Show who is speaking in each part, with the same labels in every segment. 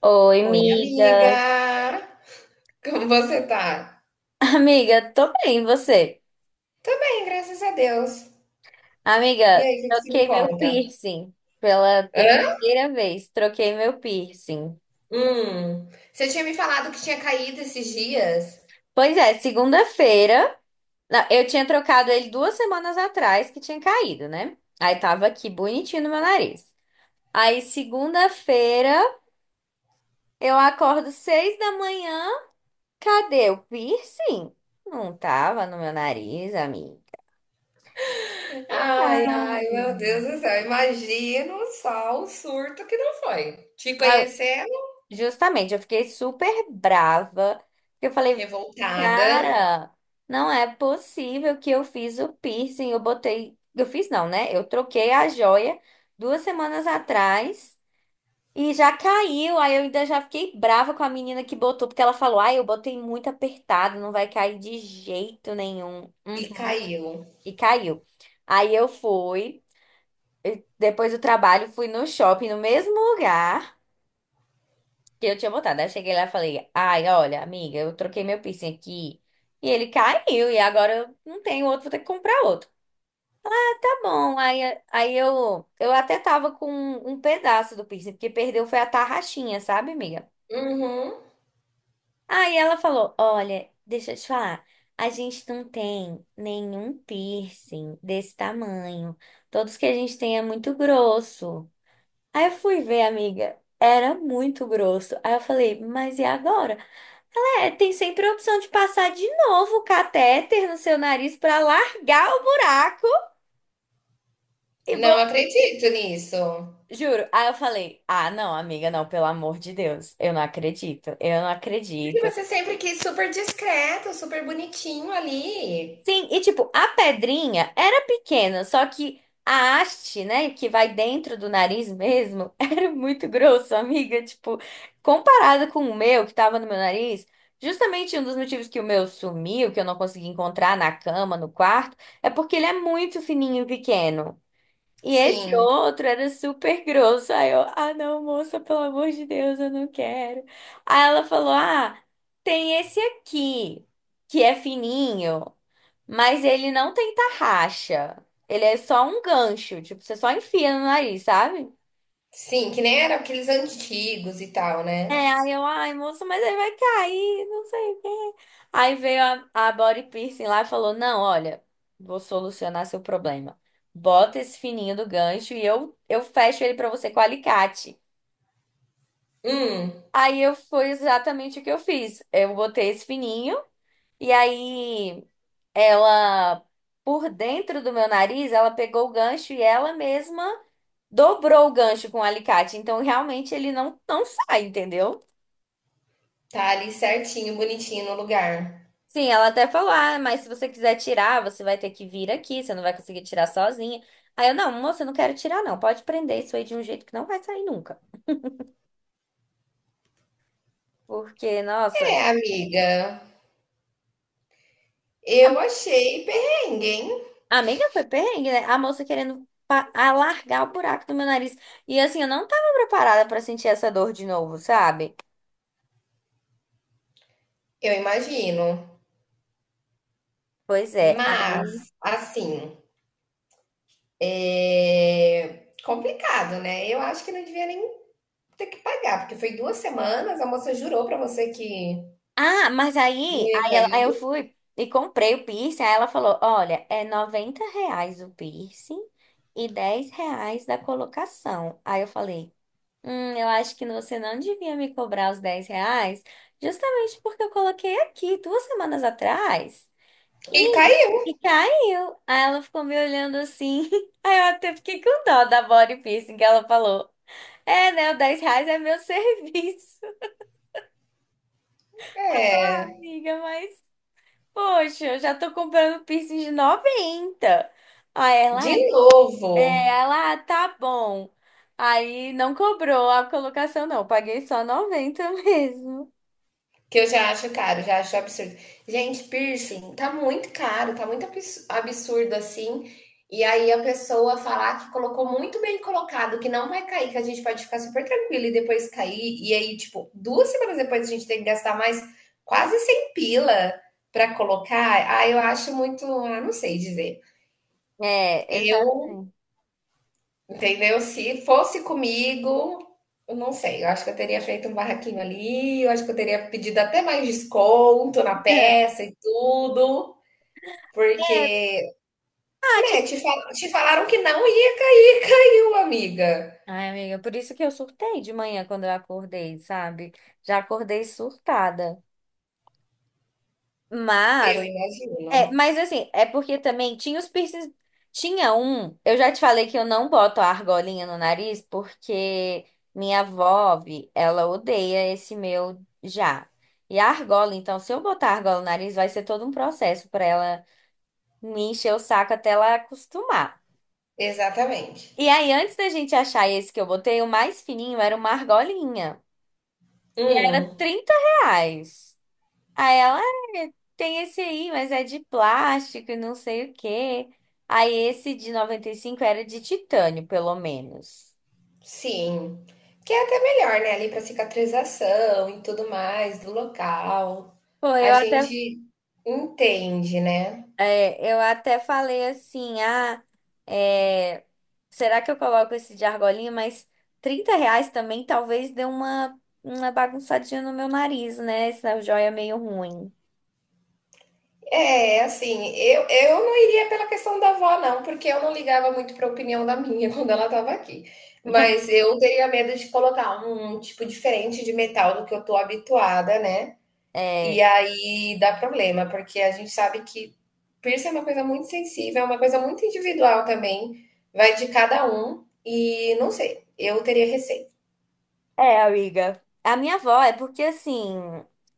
Speaker 1: Oi,
Speaker 2: Oi,
Speaker 1: amiga.
Speaker 2: amiga! Como você tá?
Speaker 1: Amiga, tô bem, e você?
Speaker 2: Tô bem, graças a Deus. E
Speaker 1: Amiga,
Speaker 2: aí, o que que você me
Speaker 1: troquei meu
Speaker 2: conta?
Speaker 1: piercing pela
Speaker 2: Hã?
Speaker 1: terceira vez. Troquei meu piercing.
Speaker 2: Hum, você tinha me falado que tinha caído esses dias?
Speaker 1: Pois é, segunda-feira. Não, eu tinha trocado ele 2 semanas atrás, que tinha caído, né? Aí tava aqui bonitinho no meu nariz. Aí, segunda-feira, eu acordo 6 da manhã. Cadê o piercing? Não tava no meu nariz, amiga.
Speaker 2: Ai, ai, meu Deus do céu, imagino só o surto que não foi. Te
Speaker 1: Ah.
Speaker 2: conhecendo,
Speaker 1: Justamente, eu fiquei super brava, porque eu falei,
Speaker 2: revoltada
Speaker 1: cara, não é possível que eu fiz o piercing, eu botei, eu fiz não, né? Eu troquei a joia 2 semanas atrás e já caiu. Aí eu ainda já fiquei brava com a menina que botou, porque ela falou, ai, eu botei muito apertado, não vai cair de jeito nenhum.
Speaker 2: e
Speaker 1: Uhum.
Speaker 2: caiu.
Speaker 1: E caiu. Aí eu fui, depois do trabalho, fui no shopping, no mesmo lugar que eu tinha botado. Aí cheguei lá e falei, ai, olha, amiga, eu troquei meu piercing aqui e ele caiu, e agora eu não tenho outro, vou ter que comprar outro. Ah, tá bom. Aí eu até tava com um pedaço do piercing, porque perdeu foi a tarraxinha, sabe, amiga?
Speaker 2: Uhum.
Speaker 1: Aí ela falou, olha, deixa eu te falar, a gente não tem nenhum piercing desse tamanho. Todos que a gente tem é muito grosso. Aí eu fui ver, amiga, era muito grosso. Aí eu falei, mas e agora? É, tem sempre a opção de passar de novo o catéter no seu nariz pra largar o buraco e
Speaker 2: Não acredito nisso.
Speaker 1: juro. Aí eu falei: "Ah, não, amiga, não, pelo amor de Deus. Eu não acredito. Eu não
Speaker 2: Porque
Speaker 1: acredito."
Speaker 2: você sempre quis super discreto, super bonitinho ali.
Speaker 1: Sim, e tipo, a pedrinha era pequena, só que a haste, né, que vai dentro do nariz mesmo, era muito grosso, amiga. Tipo, comparada com o meu, que tava no meu nariz, justamente um dos motivos que o meu sumiu, que eu não consegui encontrar na cama, no quarto, é porque ele é muito fininho e pequeno. E esse
Speaker 2: Sim.
Speaker 1: outro era super grosso. Aí eu, ah, não, moça, pelo amor de Deus, eu não quero. Aí ela falou, ah, tem esse aqui, que é fininho. Mas ele não tem tarraxa. Ele é só um gancho. Tipo, você só enfia no nariz, sabe?
Speaker 2: Sim, que nem eram aqueles antigos e tal,
Speaker 1: É,
Speaker 2: né?
Speaker 1: aí eu, ai, moço, mas ele vai cair, não sei o quê. Aí veio a body piercing lá e falou: "Não, olha, vou solucionar seu problema. Bota esse fininho do gancho e eu, fecho ele pra você com alicate."
Speaker 2: Hum,
Speaker 1: Aí eu foi exatamente o que eu fiz. Eu botei esse fininho e aí ela, por dentro do meu nariz, ela pegou o gancho e ela mesma dobrou o gancho com o alicate, então realmente ele não, não sai, entendeu?
Speaker 2: tá ali certinho, bonitinho no lugar.
Speaker 1: Sim, ela até falou, ah, mas se você quiser tirar, você vai ter que vir aqui, você não vai conseguir tirar sozinha. Aí eu, não, moça, eu não quero tirar não, pode prender isso aí de um jeito que não vai sair nunca. Porque, nossa,
Speaker 2: É, amiga, eu achei perrengue, hein?
Speaker 1: a amiga foi perrengue, né? A moça querendo alargar o buraco do meu nariz. E assim, eu não tava preparada pra sentir essa dor de novo, sabe?
Speaker 2: Eu imagino.
Speaker 1: Pois é, aí...
Speaker 2: Mas, assim, é complicado, né? Eu acho que não devia nem ter que pagar, porque foi duas semanas, a moça jurou pra você que
Speaker 1: Ah, mas
Speaker 2: não
Speaker 1: aí,
Speaker 2: ia
Speaker 1: aí, aí
Speaker 2: cair
Speaker 1: eu fui e comprei o piercing. Aí ela falou: "Olha, é R$ 90 o piercing e R$ 10 da colocação." Aí eu falei: "Hum, eu acho que você não devia me cobrar os R$ 10, justamente porque eu coloquei aqui 2 semanas atrás
Speaker 2: e
Speaker 1: e,
Speaker 2: caiu.
Speaker 1: caiu." Aí ela ficou me olhando assim. Aí eu até fiquei com dó da body piercing, que ela falou: "É, né? O R$ 10 é meu serviço." Eu, "Ah,
Speaker 2: É,
Speaker 1: amiga, mas. Poxa, eu já tô comprando piercing de 90." Aí
Speaker 2: de
Speaker 1: ela,
Speaker 2: novo.
Speaker 1: é, ela, ah, tá bom. Aí não cobrou a colocação, não. Paguei só 90 mesmo.
Speaker 2: Que eu já acho caro, já acho absurdo. Gente, piercing tá muito caro, tá muito abs- absurdo assim. E aí a pessoa falar que colocou muito bem colocado, que não vai cair, que a gente pode ficar super tranquilo e depois cair. E aí, tipo, duas semanas depois a gente tem que gastar mais quase 100 pila pra colocar. Ah, eu acho muito, ah, não sei dizer.
Speaker 1: É,
Speaker 2: Eu
Speaker 1: exatamente.
Speaker 2: entendeu? Se fosse comigo, eu não sei, eu acho que eu teria feito um barraquinho ali, eu acho que eu teria pedido até mais desconto na
Speaker 1: É,
Speaker 2: peça e tudo,
Speaker 1: é,
Speaker 2: porque, né,
Speaker 1: tipo.
Speaker 2: te, fal- te falaram que não ia cair, caiu, amiga.
Speaker 1: Ai, amiga, por isso que eu surtei de manhã quando eu acordei, sabe? Já acordei surtada.
Speaker 2: Eu
Speaker 1: Mas. É,
Speaker 2: imagino.
Speaker 1: mas assim, é porque também tinha os piercings. Tinha um, eu já te falei que eu não boto a argolinha no nariz porque minha avó, vi, ela odeia esse meu já. E a argola, então, se eu botar a argola no nariz, vai ser todo um processo pra ela me encher o saco até ela acostumar.
Speaker 2: Exatamente.
Speaker 1: E aí, antes da gente achar esse que eu botei, o mais fininho era uma argolinha. Era
Speaker 2: Hum,
Speaker 1: R$ 30. Aí ela, "É, tem esse aí, mas é de plástico e não sei o quê." Aí esse de 95 era de titânio, pelo menos.
Speaker 2: sim. Que é até melhor, né, ali para cicatrização e tudo mais do local.
Speaker 1: Pô,
Speaker 2: A
Speaker 1: eu até,
Speaker 2: gente entende, né?
Speaker 1: é, eu até falei assim, ah, é, será que eu coloco esse de argolinha? Mas R$ 30 também talvez dê uma, bagunçadinha no meu nariz, né? Essa joia meio ruim.
Speaker 2: É, assim, eu, não iria pela questão da avó, não, porque eu não ligava muito para a opinião da minha quando ela estava aqui. Mas eu teria medo de colocar um tipo diferente de metal do que eu tô habituada, né? E
Speaker 1: É,
Speaker 2: aí dá problema, porque a gente sabe que piercing é uma coisa muito sensível, é uma coisa muito individual também, vai de cada um, e não sei, eu teria receio.
Speaker 1: É, amiga. A minha avó é porque assim.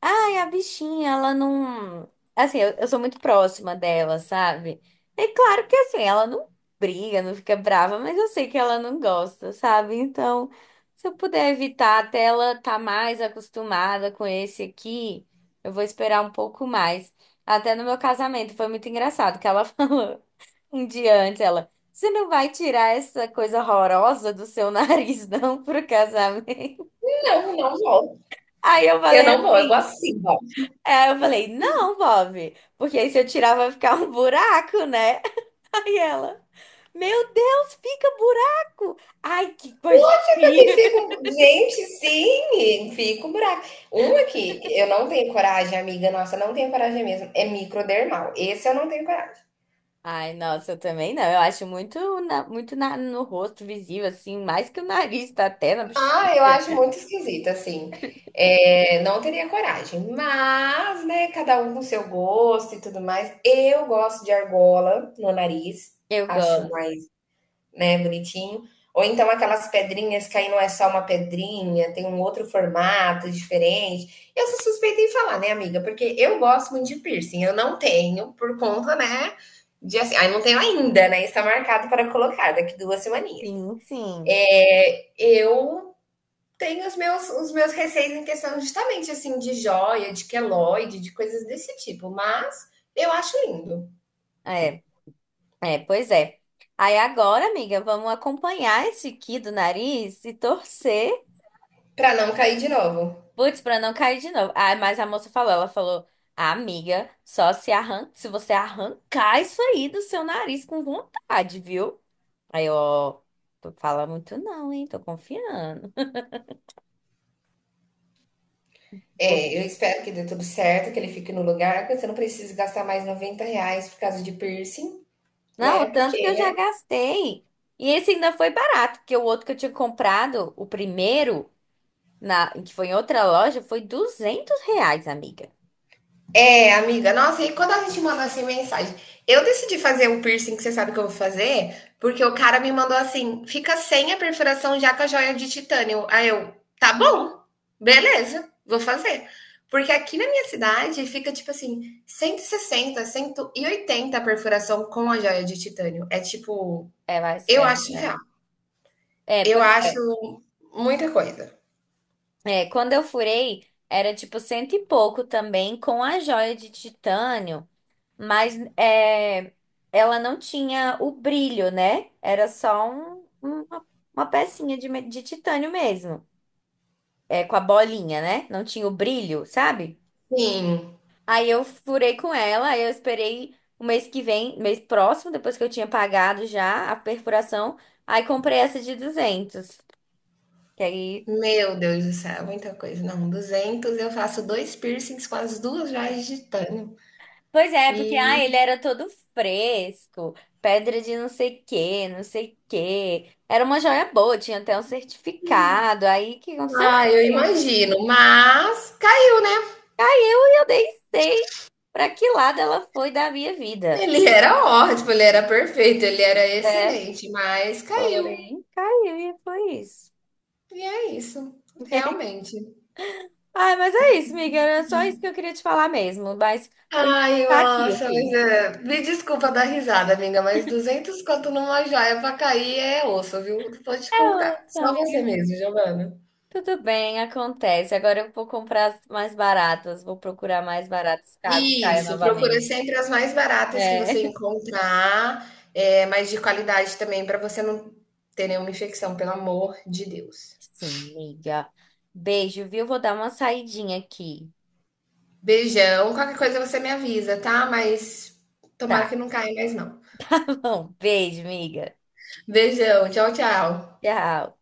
Speaker 1: Ai, a bichinha, ela não. Assim, eu, sou muito próxima dela, sabe? É claro que assim, ela não briga, não fica brava, mas eu sei que ela não gosta, sabe? Então, se eu puder evitar até ela tá mais acostumada com esse aqui, eu vou esperar um pouco mais. Até no meu casamento foi muito engraçado que ela falou um dia antes, ela. "Você não vai tirar essa coisa horrorosa do seu nariz, não, pro casamento?"
Speaker 2: Não, não vou.
Speaker 1: Aí eu
Speaker 2: Eu
Speaker 1: falei
Speaker 2: não vou, eu vou
Speaker 1: assim.
Speaker 2: assim,
Speaker 1: Aí eu falei, não, Bob, porque aí se eu tirar vai ficar um buraco, né? Aí ela, meu Deus, fica buraco! Ai, que coisa
Speaker 2: fica que
Speaker 1: feia!
Speaker 2: fico, gente, sim, fico brava. Uma que eu não tenho coragem, amiga, nossa, não tenho coragem mesmo, é microdermal. Esse eu não tenho coragem.
Speaker 1: Ai, nossa, eu também não. Eu acho muito, muito no rosto visível, assim, mais que o nariz, tá até na bochecha.
Speaker 2: Ah, eu acho muito esquisito, assim. É, não teria coragem, mas, né, cada um com seu gosto e tudo mais. Eu gosto de argola no nariz,
Speaker 1: Eu
Speaker 2: acho
Speaker 1: gosto.
Speaker 2: mais, né, bonitinho. Ou então aquelas pedrinhas que aí não é só uma pedrinha, tem um outro formato diferente. Eu sou suspeita em falar, né, amiga? Porque eu gosto muito de piercing. Eu não tenho, por conta, né? De assim, aí não tenho ainda, né? Está marcado para colocar daqui duas semaninhas.
Speaker 1: Sim, sim.
Speaker 2: É, eu tenho os meus receios em questão justamente assim de joia, de queloide, de coisas desse tipo, mas eu acho lindo.
Speaker 1: É. É, pois é. Aí agora, amiga, vamos acompanhar esse aqui do nariz e torcer,
Speaker 2: Para não cair de novo.
Speaker 1: putz, pra não cair de novo. Ah, mas a moça falou, ela falou, "Ah, amiga, só se arranca, se você arrancar isso aí do seu nariz com vontade, viu?" Aí, eu, ó, tu fala muito não, hein? Tô confiando. Por-
Speaker 2: É, eu espero que dê tudo certo, que ele fique no lugar, que você não precise gastar mais 90 reais por causa de piercing,
Speaker 1: Não, o
Speaker 2: né?
Speaker 1: tanto que
Speaker 2: Porque,
Speaker 1: eu
Speaker 2: né?
Speaker 1: já gastei. E esse ainda foi barato, porque o outro que eu tinha comprado, o primeiro, na, que foi em outra loja, foi R$ 200, amiga.
Speaker 2: É, amiga, nossa, e quando a gente manda assim mensagem? Eu decidi fazer um piercing que você sabe que eu vou fazer, porque o cara me mandou assim: fica sem a perfuração já com a joia de titânio. Aí eu, tá bom, beleza, vou fazer. Porque aqui na minha cidade fica tipo assim, 160, 180 a perfuração com a joia de titânio. É tipo,
Speaker 1: É mais
Speaker 2: eu acho real.
Speaker 1: caro. É,
Speaker 2: Eu
Speaker 1: pois
Speaker 2: acho muita coisa.
Speaker 1: é. É, quando eu furei, era tipo cento e pouco também, com a joia de titânio, mas é, ela não tinha o brilho, né? Era só uma pecinha de, de titânio mesmo, é, com a bolinha, né? Não tinha o brilho, sabe?
Speaker 2: Sim,
Speaker 1: Aí eu furei com ela, aí eu esperei o mês que vem, mês próximo, depois que eu tinha pagado já a perfuração, aí comprei essa de 200. Que aí,
Speaker 2: meu Deus do céu, muita coisa. Não, 200 eu faço 2 piercings com as 2 joias de titânio.
Speaker 1: pois é, porque ah,
Speaker 2: E,
Speaker 1: ele era todo fresco, pedra de não sei quê, não sei quê. Era uma joia boa, tinha até um certificado. Aí o que aconteceu?
Speaker 2: ah, eu
Speaker 1: Eu-
Speaker 2: imagino, mas caiu, né?
Speaker 1: Aí eu nem sei pra que lado ela foi da minha vida.
Speaker 2: Ele era ótimo, ele era perfeito, ele era
Speaker 1: É,
Speaker 2: excelente, mas caiu.
Speaker 1: porém, caiu e foi isso.
Speaker 2: E é isso, realmente.
Speaker 1: Ai, mas é isso, amiga. Era só isso que eu queria te falar mesmo. Mas por enquanto
Speaker 2: Ai,
Speaker 1: tá aqui, eu
Speaker 2: nossa, mas
Speaker 1: fiz.
Speaker 2: é, me desculpa dar risada, amiga, mas 200 conto numa joia pra cair é osso, viu? Vou te
Speaker 1: É,
Speaker 2: contar.
Speaker 1: ô,
Speaker 2: Só
Speaker 1: amiga.
Speaker 2: você mesmo, Giovana.
Speaker 1: Tudo bem, acontece. Agora eu vou comprar as mais baratas, vou procurar mais baratas caso caia
Speaker 2: Isso, procura
Speaker 1: novamente.
Speaker 2: sempre as mais baratas que
Speaker 1: É.
Speaker 2: você encontrar, eh, mas de qualidade também para você não ter nenhuma infecção, pelo amor de Deus.
Speaker 1: Sim, miga. Beijo, viu? Vou dar uma saidinha aqui.
Speaker 2: Beijão, qualquer coisa você me avisa, tá? Mas tomara
Speaker 1: Tá,
Speaker 2: que não caia mais não.
Speaker 1: tá bom. Beijo, miga.
Speaker 2: Beijão, tchau, tchau.
Speaker 1: Tchau.